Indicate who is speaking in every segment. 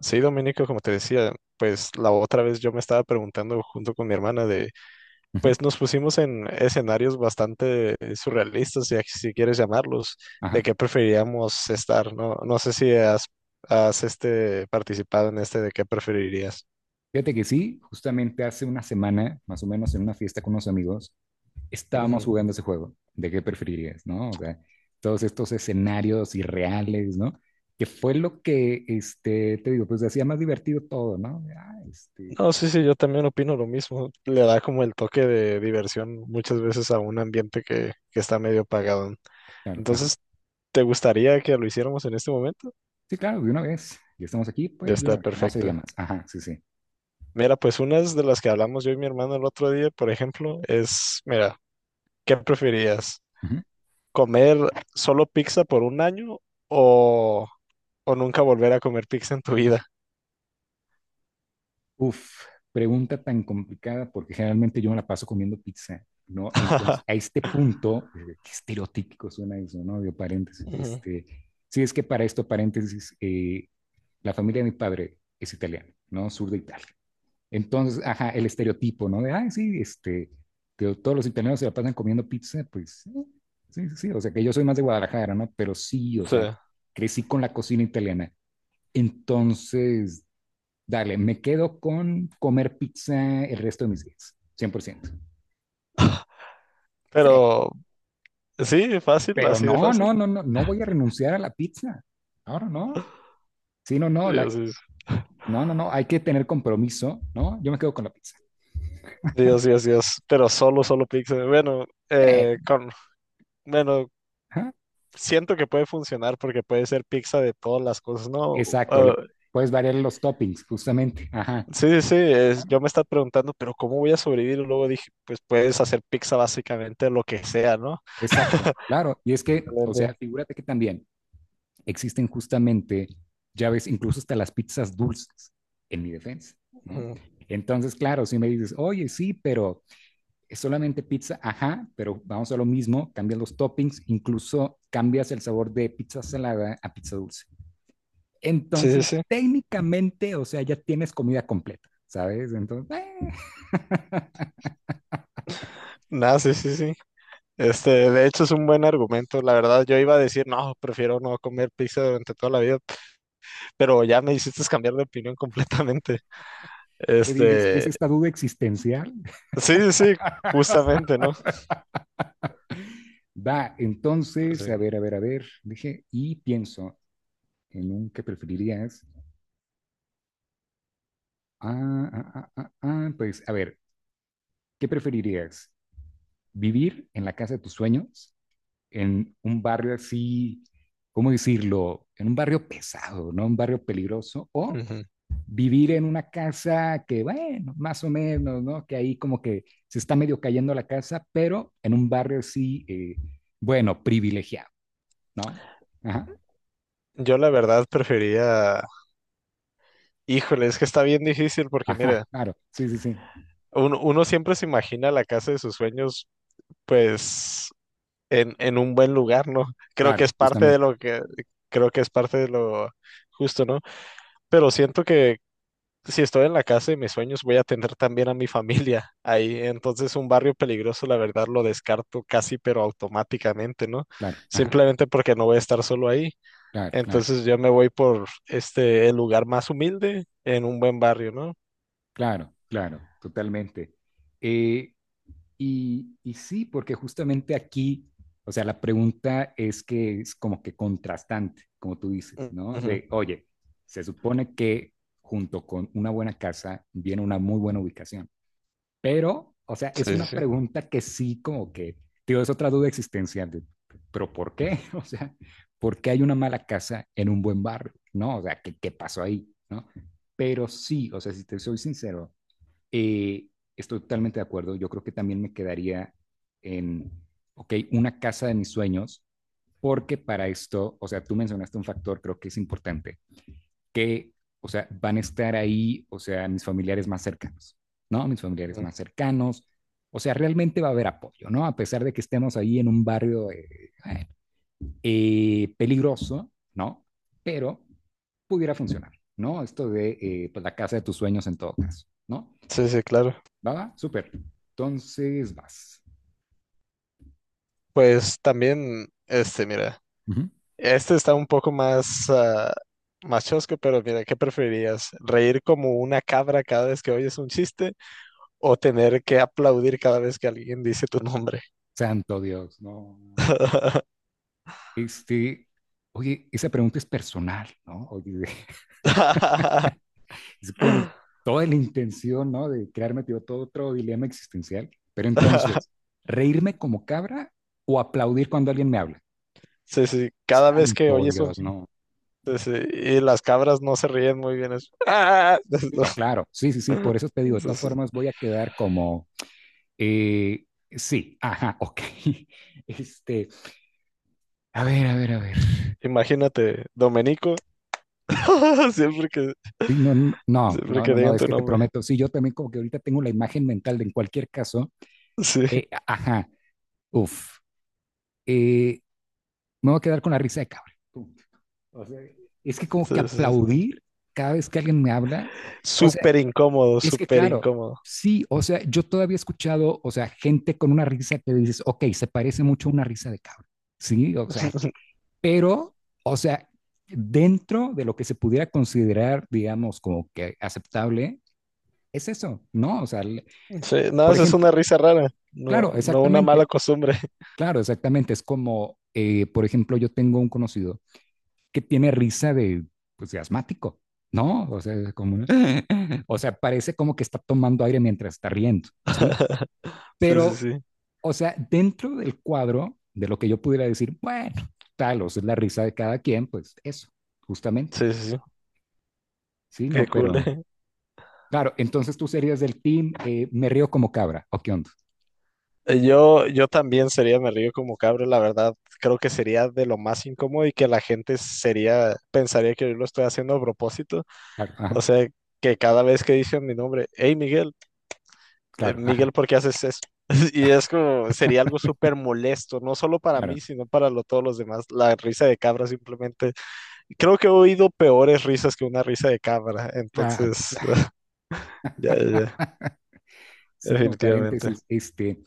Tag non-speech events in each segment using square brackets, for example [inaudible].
Speaker 1: Sí, Dominico, como te decía, pues la otra vez yo me estaba preguntando junto con mi hermana
Speaker 2: Ujú,
Speaker 1: pues nos pusimos en escenarios bastante surrealistas, si quieres llamarlos, de
Speaker 2: Ajá.
Speaker 1: qué preferiríamos estar, ¿no? No sé si has participado en este de qué preferirías.
Speaker 2: Fíjate que sí, justamente hace una semana, más o menos en una fiesta con unos amigos, estábamos
Speaker 1: Ujú.
Speaker 2: jugando ese juego de qué preferirías, ¿no? O sea, todos estos escenarios irreales, ¿no? Que fue lo que, te digo, pues hacía más divertido todo, ¿no?
Speaker 1: No, sí, sí, yo también opino lo mismo. Le da como el toque de diversión muchas veces a un ambiente que está medio apagado.
Speaker 2: Claro, ajá.
Speaker 1: Entonces, ¿te gustaría que lo hiciéramos en este momento?
Speaker 2: Sí, claro, de una vez. Ya estamos aquí,
Speaker 1: Ya
Speaker 2: pues de
Speaker 1: está
Speaker 2: una vez. No se diga
Speaker 1: perfecto.
Speaker 2: más. Ajá, sí, sí.
Speaker 1: Mira, pues unas de las que hablamos yo y mi hermano el otro día, por ejemplo, es, mira, ¿qué preferías? ¿Comer solo pizza por un año o, o nunca volver a comer pizza en tu vida?
Speaker 2: Uf, pregunta tan complicada porque generalmente yo me la paso comiendo pizza, ¿no? Entonces, a
Speaker 1: [laughs]
Speaker 2: este punto, qué estereotípico suena eso, ¿no? De paréntesis.
Speaker 1: Ujú.
Speaker 2: Sí, es que para esto, paréntesis, la familia de mi padre es italiana, ¿no? Sur de Italia. Entonces, ajá, el estereotipo, ¿no? De, ay, sí, que todos los italianos se la pasan comiendo pizza, pues, sí, sí, sí. O sea, que yo soy más de Guadalajara, ¿no? Pero sí, o
Speaker 1: Sí.
Speaker 2: sea, crecí con la cocina italiana. Entonces, dale, me quedo con comer pizza el resto de mis días, 100%. Sí.
Speaker 1: Pero sí, fácil,
Speaker 2: Pero
Speaker 1: así de
Speaker 2: no,
Speaker 1: fácil.
Speaker 2: no, no, no, no voy a renunciar a la pizza. Ahora no. No. Sí, no, no,
Speaker 1: Dios, Dios,
Speaker 2: no, no, no, hay que tener compromiso, ¿no? Yo me quedo con la pizza.
Speaker 1: Dios, Dios, Dios. Pero solo pizza. Bueno,
Speaker 2: Sí.
Speaker 1: bueno,
Speaker 2: Ajá.
Speaker 1: siento que puede funcionar porque puede ser pizza de todas las cosas, ¿no?
Speaker 2: Exacto, le
Speaker 1: Ah,
Speaker 2: puedes variar los toppings, justamente. Ajá,
Speaker 1: Sí, sí, sí, yo me estaba preguntando, pero ¿cómo voy a sobrevivir? Y luego dije, pues puedes hacer pizza básicamente lo que sea, ¿no?
Speaker 2: exacto, claro. Y es que, o sea,
Speaker 1: Excelente.
Speaker 2: figúrate que también existen justamente, ya ves, incluso hasta las pizzas dulces, en mi defensa, ¿no?
Speaker 1: Ujú.
Speaker 2: Entonces, claro, si me dices, oye, sí, pero es solamente pizza, ajá, pero vamos a lo mismo, cambias los toppings, incluso cambias el sabor de pizza salada a pizza dulce.
Speaker 1: Sí, sí,
Speaker 2: Entonces,
Speaker 1: sí.
Speaker 2: técnicamente, o sea, ya tienes comida completa, ¿sabes? Entonces, [laughs] eh,
Speaker 1: Nada, sí, sí, sí. Este, de hecho es un buen argumento. La verdad, yo iba a decir, no, prefiero no comer pizza durante toda la vida, pero ya me hiciste cambiar de opinión [laughs] completamente.
Speaker 2: ¿qué dices? ¿Es
Speaker 1: Este,
Speaker 2: esta duda existencial?
Speaker 1: sí, sí, sí, justamente, ¿no?
Speaker 2: [laughs] Va, entonces,
Speaker 1: Sí.
Speaker 2: a ver, a ver, a ver, dije, y pienso en un que preferirías. Pues, a ver, ¿qué preferirías? ¿Vivir en la casa de tus sueños en un barrio así, ¿cómo decirlo? En un barrio pesado, ¿no? Un barrio peligroso, o
Speaker 1: Ujú.
Speaker 2: vivir en una casa que, bueno, más o menos, ¿no? Que ahí como que se está medio cayendo la casa, pero en un barrio así, bueno, privilegiado, ¿no? Ajá,
Speaker 1: Yo la verdad prefería, híjole, es que está bien difícil porque
Speaker 2: ajá,
Speaker 1: mira,
Speaker 2: claro, sí, sí, sí,
Speaker 1: uno siempre se imagina la casa de sus sueños pues en un buen lugar, ¿no? Creo
Speaker 2: claro,
Speaker 1: que es parte de
Speaker 2: justamente,
Speaker 1: lo que, creo que es parte de lo justo, ¿no? Pero siento que si estoy en la casa de mis sueños, voy a tener también a mi familia [laughs] ahí. Entonces, un barrio peligroso, la verdad, lo descarto casi, pero automáticamente, ¿no?
Speaker 2: claro, ajá,
Speaker 1: Simplemente porque no voy a estar solo ahí.
Speaker 2: claro, claro,
Speaker 1: Entonces, yo me voy por este, el lugar más humilde en un buen barrio, ¿no?
Speaker 2: claro, claro, totalmente. Eh, y sí, porque justamente aquí, o sea, la pregunta es que es como que contrastante, como tú dices, ¿no?
Speaker 1: Ujú.
Speaker 2: De, oye, se supone que junto con una buena casa viene una muy buena ubicación, pero, o sea, es
Speaker 1: Sí, sí,
Speaker 2: una
Speaker 1: sí.
Speaker 2: pregunta que sí como que, tío, es otra duda existencial, de, pero ¿por qué? [laughs] O sea, ¿por qué hay una mala casa en un buen barrio? ¿No? O sea, ¿qué, qué pasó ahí? ¿No? Pero sí, o sea, si te soy sincero, eh, estoy totalmente de acuerdo. Yo creo que también me quedaría en, ok, una casa de mis sueños, porque para esto, o sea, tú mencionaste un factor, creo que es importante, que, o sea, van a estar ahí, o sea, mis familiares más cercanos, ¿no? Mis familiares
Speaker 1: Ujú.
Speaker 2: más cercanos. O sea, realmente va a haber apoyo, ¿no? A pesar de que estemos ahí en un barrio bueno, peligroso, ¿no? Pero pudiera funcionar, ¿no? Esto de pues, la casa de tus sueños en todo caso, ¿no?
Speaker 1: Sí, sí, claro.
Speaker 2: ¿Va? Súper. Entonces vas.
Speaker 1: Pues también, este, mira.
Speaker 2: Ujú.
Speaker 1: Este está un poco más, más chosco, pero mira, ¿qué preferirías? ¿Reír como una cabra cada vez que oyes un chiste o tener que aplaudir cada vez que alguien dice tu nombre?
Speaker 2: Santo Dios, ¿no? Este, oye, esa pregunta es personal, ¿no? Oye, [laughs]
Speaker 1: [laughs]
Speaker 2: es con toda la intención, ¿no? De crearme tío, todo otro dilema existencial. Pero entonces, ¿reírme como cabra o aplaudir cuando alguien me habla?
Speaker 1: Sí, sí, cada vez que
Speaker 2: Santo
Speaker 1: oyes un
Speaker 2: Dios,
Speaker 1: chiste,
Speaker 2: no.
Speaker 1: sí, y las cabras no se ríen muy bien. ¡Ah!
Speaker 2: Sí, no,
Speaker 1: [laughs]
Speaker 2: claro, sí, sí, sí, por eso te digo, de todas
Speaker 1: Entonces,
Speaker 2: formas voy a quedar como, sí, ajá, ok. [laughs] Este, a ver, a ver, a ver.
Speaker 1: imagínate, Domenico, [laughs] siempre que,
Speaker 2: Sí, no, no, no,
Speaker 1: siempre
Speaker 2: no,
Speaker 1: que
Speaker 2: no, no,
Speaker 1: digan
Speaker 2: es
Speaker 1: tu
Speaker 2: que te
Speaker 1: nombre.
Speaker 2: prometo, sí, yo también como que ahorita tengo la imagen mental de en cualquier caso,
Speaker 1: Sí, sí,
Speaker 2: ajá, uff, eh, me voy a quedar con la risa de cabra. Punto. O sea, es que como que
Speaker 1: sí, sí.
Speaker 2: aplaudir cada vez que alguien me habla, o sea,
Speaker 1: Súper incómodo,
Speaker 2: es que
Speaker 1: súper
Speaker 2: claro,
Speaker 1: incómodo.
Speaker 2: sí, o sea, yo todavía he escuchado, o sea, gente con una risa que dices, ok, se parece mucho a una risa de cabra, sí, o sea, que,
Speaker 1: [laughs]
Speaker 2: pero, o sea, dentro de lo que se pudiera considerar, digamos, como que aceptable, es eso, ¿no? O sea,
Speaker 1: Sí, no,
Speaker 2: por
Speaker 1: eso es una
Speaker 2: ejemplo,
Speaker 1: risa rara, no,
Speaker 2: claro,
Speaker 1: no una mala
Speaker 2: exactamente,
Speaker 1: costumbre.
Speaker 2: claro, exactamente. Es como, por ejemplo, yo tengo un conocido que tiene risa de, pues, de asmático, ¿no? O sea, es como, [laughs] o sea, parece como que está tomando aire mientras está riendo, ¿sí?
Speaker 1: [laughs] Sí, sí,
Speaker 2: Pero,
Speaker 1: sí,
Speaker 2: o sea, dentro del cuadro de lo que yo pudiera decir, bueno, tal, o sea, es la risa de cada quien, pues eso, justamente,
Speaker 1: sí, sí, sí,
Speaker 2: ¿sí? No,
Speaker 1: qué cool.
Speaker 2: pero,
Speaker 1: [laughs]
Speaker 2: claro, entonces tú serías del team, me río como cabra, ¿o qué onda?
Speaker 1: Yo también sería, me río como cabro, la verdad, creo que sería de lo más incómodo y que la gente sería, pensaría que yo lo estoy haciendo a propósito.
Speaker 2: Claro,
Speaker 1: O
Speaker 2: ajá,
Speaker 1: sea, que cada vez que dicen mi nombre, hey Miguel,
Speaker 2: claro, ajá,
Speaker 1: Miguel, ¿por qué haces eso? [laughs] Y es como, sería algo súper molesto, no solo para
Speaker 2: claro.
Speaker 1: mí, sino para todos los demás. La risa de cabra simplemente creo que he oído peores risas que una risa de cámara,
Speaker 2: Claro, [laughs]
Speaker 1: entonces,
Speaker 2: claro.
Speaker 1: [laughs] ya, ya, ya,
Speaker 2: Sí, no,
Speaker 1: definitivamente.
Speaker 2: paréntesis.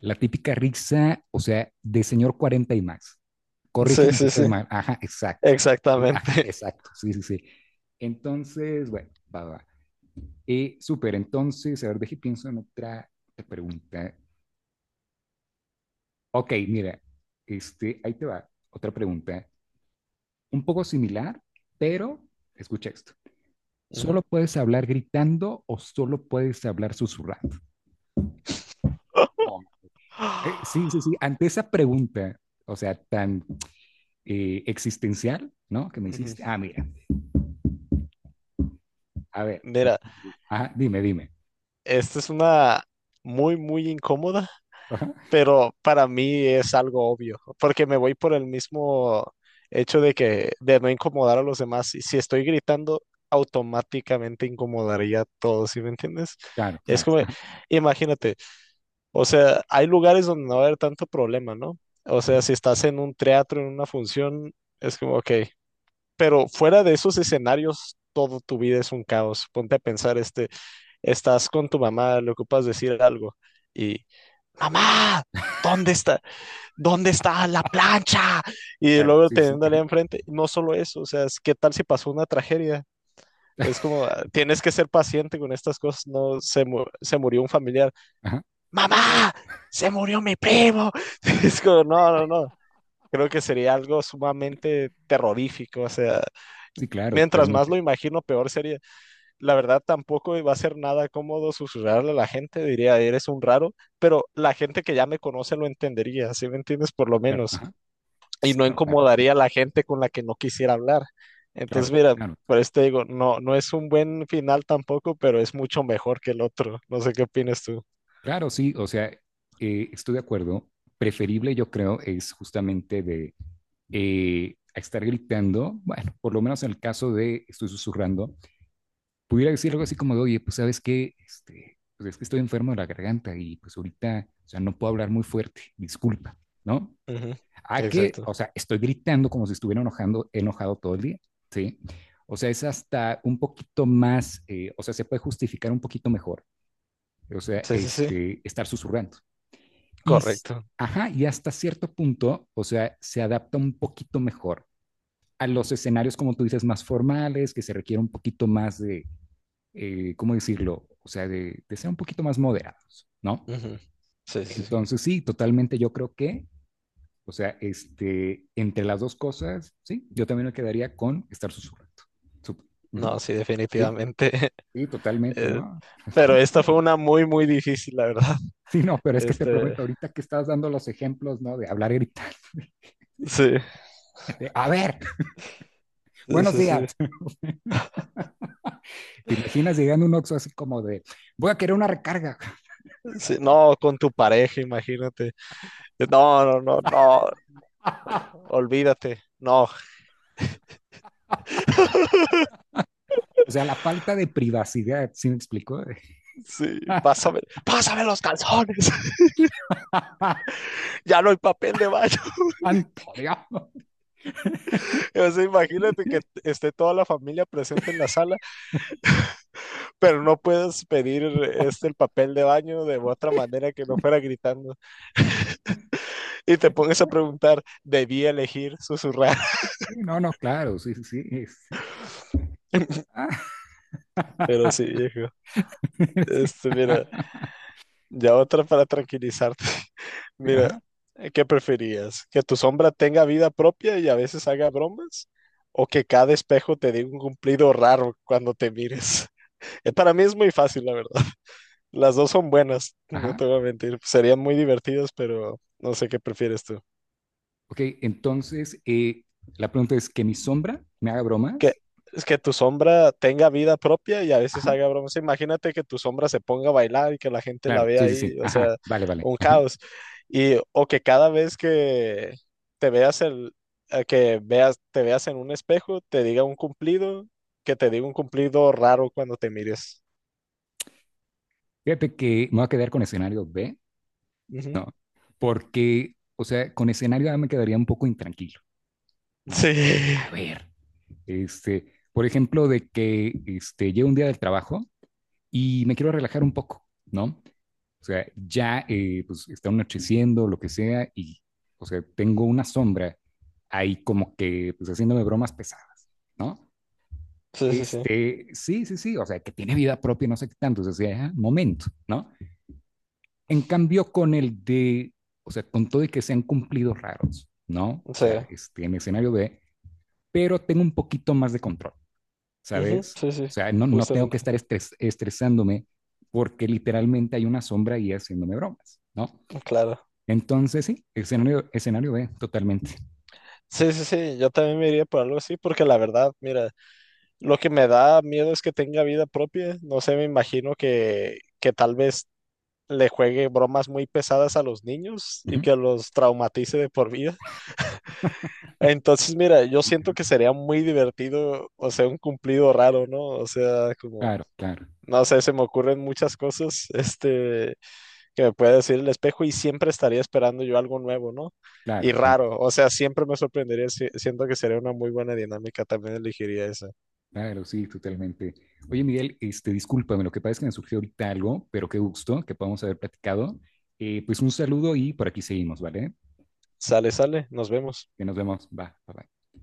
Speaker 2: La típica risa, o sea, de señor 40 y más.
Speaker 1: Sí,
Speaker 2: Corrígeme si
Speaker 1: sí, sí,
Speaker 2: estoy mal. Ajá, exacto. Ajá,
Speaker 1: exactamente.
Speaker 2: exacto. Sí, sí, sí. Entonces, bueno, va, va. Va. Súper, entonces, a ver, deje, pienso en otra pregunta. Ok, mira, ahí te va, otra pregunta, un poco similar, pero escucha esto.
Speaker 1: Ujú.
Speaker 2: ¿Solo puedes hablar gritando o solo puedes hablar susurrando? Sí, sí, sí. Ante esa pregunta, o sea, tan existencial, ¿no? Que me
Speaker 1: Ujú.
Speaker 2: hiciste. Ah, mira, a ver.
Speaker 1: Mira,
Speaker 2: Ajá, dime, dime.
Speaker 1: esta es una muy, muy incómoda,
Speaker 2: Ajá,
Speaker 1: pero para mí es algo obvio, porque me voy por el mismo hecho de que, de no incomodar a los demás. Y si estoy gritando, automáticamente incomodaría a todos, ¿sí me entiendes?
Speaker 2: claro,
Speaker 1: Es
Speaker 2: claro,
Speaker 1: como,
Speaker 2: ajá,
Speaker 1: imagínate. O sea, hay lugares donde no va a haber tanto problema, ¿no? O
Speaker 2: ujú,
Speaker 1: sea, si estás en un teatro, en una función, es como, ok. Pero fuera de esos escenarios, todo tu vida es un caos. Ponte a pensar, este, estás con tu mamá, le ocupas decir algo y, mamá, ¿dónde está? ¿Dónde está la plancha? Y
Speaker 2: claro,
Speaker 1: luego
Speaker 2: sí, sí, sí,
Speaker 1: teniéndole
Speaker 2: ajá,
Speaker 1: enfrente, no solo eso, o sea, es, ¿qué tal si pasó una tragedia? Es como, ah, tienes que ser paciente con estas cosas, no se, se murió un familiar,
Speaker 2: ajá,
Speaker 1: mamá, se murió mi primo. [laughs] Es como, no, no, no. Creo que sería algo sumamente terrorífico. O sea,
Speaker 2: sí, claro,
Speaker 1: mientras más
Speaker 2: totalmente.
Speaker 1: lo imagino, peor sería. La verdad, tampoco va a ser nada cómodo susurrarle a la gente, diría, eres un raro, pero la gente que ya me conoce lo entendería, ¿sí me entiendes? Por lo
Speaker 2: Claro,
Speaker 1: menos.
Speaker 2: ajá,
Speaker 1: Y
Speaker 2: sí,
Speaker 1: no
Speaker 2: no, claro,
Speaker 1: incomodaría a la gente con la que no quisiera hablar. Entonces,
Speaker 2: claro,
Speaker 1: mira,
Speaker 2: claro.
Speaker 1: por esto digo, no, no es un buen final tampoco, pero es mucho mejor que el otro. No sé qué opinas tú.
Speaker 2: Claro, sí, o sea, estoy de acuerdo. Preferible, yo creo, es justamente de estar gritando, bueno, por lo menos en el caso de estoy susurrando, pudiera decir algo así como de, oye, pues sabes qué, pues es que estoy enfermo de la garganta y pues ahorita, o sea, no puedo hablar muy fuerte, disculpa, ¿no?
Speaker 1: Ujú.
Speaker 2: A que,
Speaker 1: Exacto.
Speaker 2: o sea, estoy gritando como si estuviera enojando, enojado todo el día, ¿sí? O sea, es hasta un poquito más, o sea, se puede justificar un poquito mejor, o sea,
Speaker 1: Sí, sí, sí.
Speaker 2: estar susurrando. Y,
Speaker 1: Correcto.
Speaker 2: ajá, y hasta cierto punto, o sea, se adapta un poquito mejor a los escenarios, como tú dices, más formales, que se requiere un poquito más de, ¿cómo decirlo? O sea, de, ser un poquito más moderados, ¿no?
Speaker 1: Ujú. Sí, sí, sí.
Speaker 2: Entonces, sí, totalmente yo creo que, o sea, entre las dos cosas, sí, yo también me quedaría con estar susurrando. Uh -huh.
Speaker 1: No, sí,
Speaker 2: Sí,
Speaker 1: definitivamente. [laughs]
Speaker 2: sí, totalmente,
Speaker 1: eh,
Speaker 2: ¿no? [laughs]
Speaker 1: pero
Speaker 2: ¿Cómo,
Speaker 1: esta
Speaker 2: cómo?
Speaker 1: fue una muy, muy difícil, la verdad.
Speaker 2: Sí, no, pero es que te
Speaker 1: Este,
Speaker 2: prometo ahorita que estás dando los ejemplos, ¿no? De hablar gritando. [laughs]
Speaker 1: sí,
Speaker 2: De, a ver,
Speaker 1: sí,
Speaker 2: buenos
Speaker 1: sí,
Speaker 2: días.
Speaker 1: sí.
Speaker 2: ¿Te imaginas llegando a un Oxxo así como de, voy a querer una recarga?
Speaker 1: Sí, no, con tu pareja, imagínate. No, no, no, no,
Speaker 2: [laughs]
Speaker 1: olvídate. No,
Speaker 2: O sea, la falta de privacidad, ¿sí me explico?
Speaker 1: sí, pásame, pásame los calzones. [laughs]
Speaker 2: [laughs]
Speaker 1: Ya no hay papel de baño. [laughs]
Speaker 2: Santo Dios.
Speaker 1: O sea, imagínate que esté toda la familia presente en la sala, pero no puedes pedir este
Speaker 2: [laughs]
Speaker 1: el papel de baño de otra manera que no fuera gritando. Y te pones a preguntar, debí elegir susurrar.
Speaker 2: Sí, no, no, claro, sí, sí, sí, sí.
Speaker 1: [laughs]
Speaker 2: Ah,
Speaker 1: Pero sí,
Speaker 2: [laughs]
Speaker 1: viejo.
Speaker 2: sí,
Speaker 1: Este, mira. Ya otra para tranquilizarte. [laughs] Mira,
Speaker 2: ajá,
Speaker 1: ¿qué preferías? ¿Que tu sombra tenga vida propia y a veces haga bromas? ¿O que cada espejo te dé un cumplido raro cuando te mires? [laughs] Para mí es muy fácil, la verdad. Las dos son buenas, [laughs] no
Speaker 2: ajá.
Speaker 1: te voy a mentir. Serían muy divertidas, pero no sé qué prefieres tú.
Speaker 2: Ok, entonces la pregunta es que mi sombra me haga bromas.
Speaker 1: Que es que tu sombra tenga vida propia y a veces
Speaker 2: Ajá,
Speaker 1: haga bromas. Imagínate que tu sombra se ponga a bailar y que la gente la
Speaker 2: claro,
Speaker 1: vea
Speaker 2: sí, sí, sí.
Speaker 1: ahí, o
Speaker 2: Ajá,
Speaker 1: sea,
Speaker 2: vale, vale.
Speaker 1: un
Speaker 2: Ajá.
Speaker 1: caos. Y o que cada vez que te veas el que veas te veas en un espejo, te diga un cumplido, que te diga un cumplido raro cuando te mires.
Speaker 2: Fíjate que me voy a quedar con escenario B,
Speaker 1: Ujú.
Speaker 2: porque, o sea, con escenario A me quedaría un poco intranquilo. No, oye,
Speaker 1: Sí.
Speaker 2: a
Speaker 1: [laughs]
Speaker 2: ver, por ejemplo, de que llego un día del trabajo y me quiero relajar un poco, ¿no? O sea, ya pues está anocheciendo, lo que sea, y, o sea, tengo una sombra ahí como que, pues haciéndome bromas pesadas, ¿no?
Speaker 1: Sí, sí, sí,
Speaker 2: Sí, sí, sí, o sea, que tiene vida propia, no sé qué tanto, o sea, sí, momento, ¿no? En cambio, con el de, o sea, con todo y que sean cumplidos raros, ¿no? O
Speaker 1: sí,
Speaker 2: sea, en escenario B, pero tengo un poquito más de control,
Speaker 1: ujú,
Speaker 2: ¿sabes?
Speaker 1: sí, sí,
Speaker 2: O sea, no, no tengo que
Speaker 1: justamente.
Speaker 2: estar estresándome porque literalmente hay una sombra ahí haciéndome bromas, ¿no?
Speaker 1: Claro.
Speaker 2: Entonces, sí, escenario, escenario B, totalmente.
Speaker 1: Sí, sí, sí, yo también me iría por algo así porque la verdad, mira, lo que me da miedo es que tenga vida propia. No sé, me imagino que tal vez le juegue bromas muy pesadas a los niños y
Speaker 2: Ujú.
Speaker 1: que los traumatice de por vida. Entonces, mira, yo siento que sería muy divertido, o sea, un cumplido raro, ¿no? O sea, como,
Speaker 2: Claro, claro,
Speaker 1: no sé, se me ocurren muchas cosas, este, que me puede decir el espejo y siempre estaría esperando yo algo nuevo, ¿no?
Speaker 2: claro,
Speaker 1: Y
Speaker 2: claro,
Speaker 1: raro, o sea, siempre me sorprendería, siento que sería una muy buena dinámica, también elegiría esa.
Speaker 2: claro, sí, totalmente. Oye, Miguel, discúlpame, lo que pasa es que me surgió ahorita algo, pero qué gusto que podamos haber platicado. Pues un saludo y por aquí seguimos, ¿vale?
Speaker 1: Sale, sale, nos vemos.
Speaker 2: Que nos vemos. Va, bye, bye.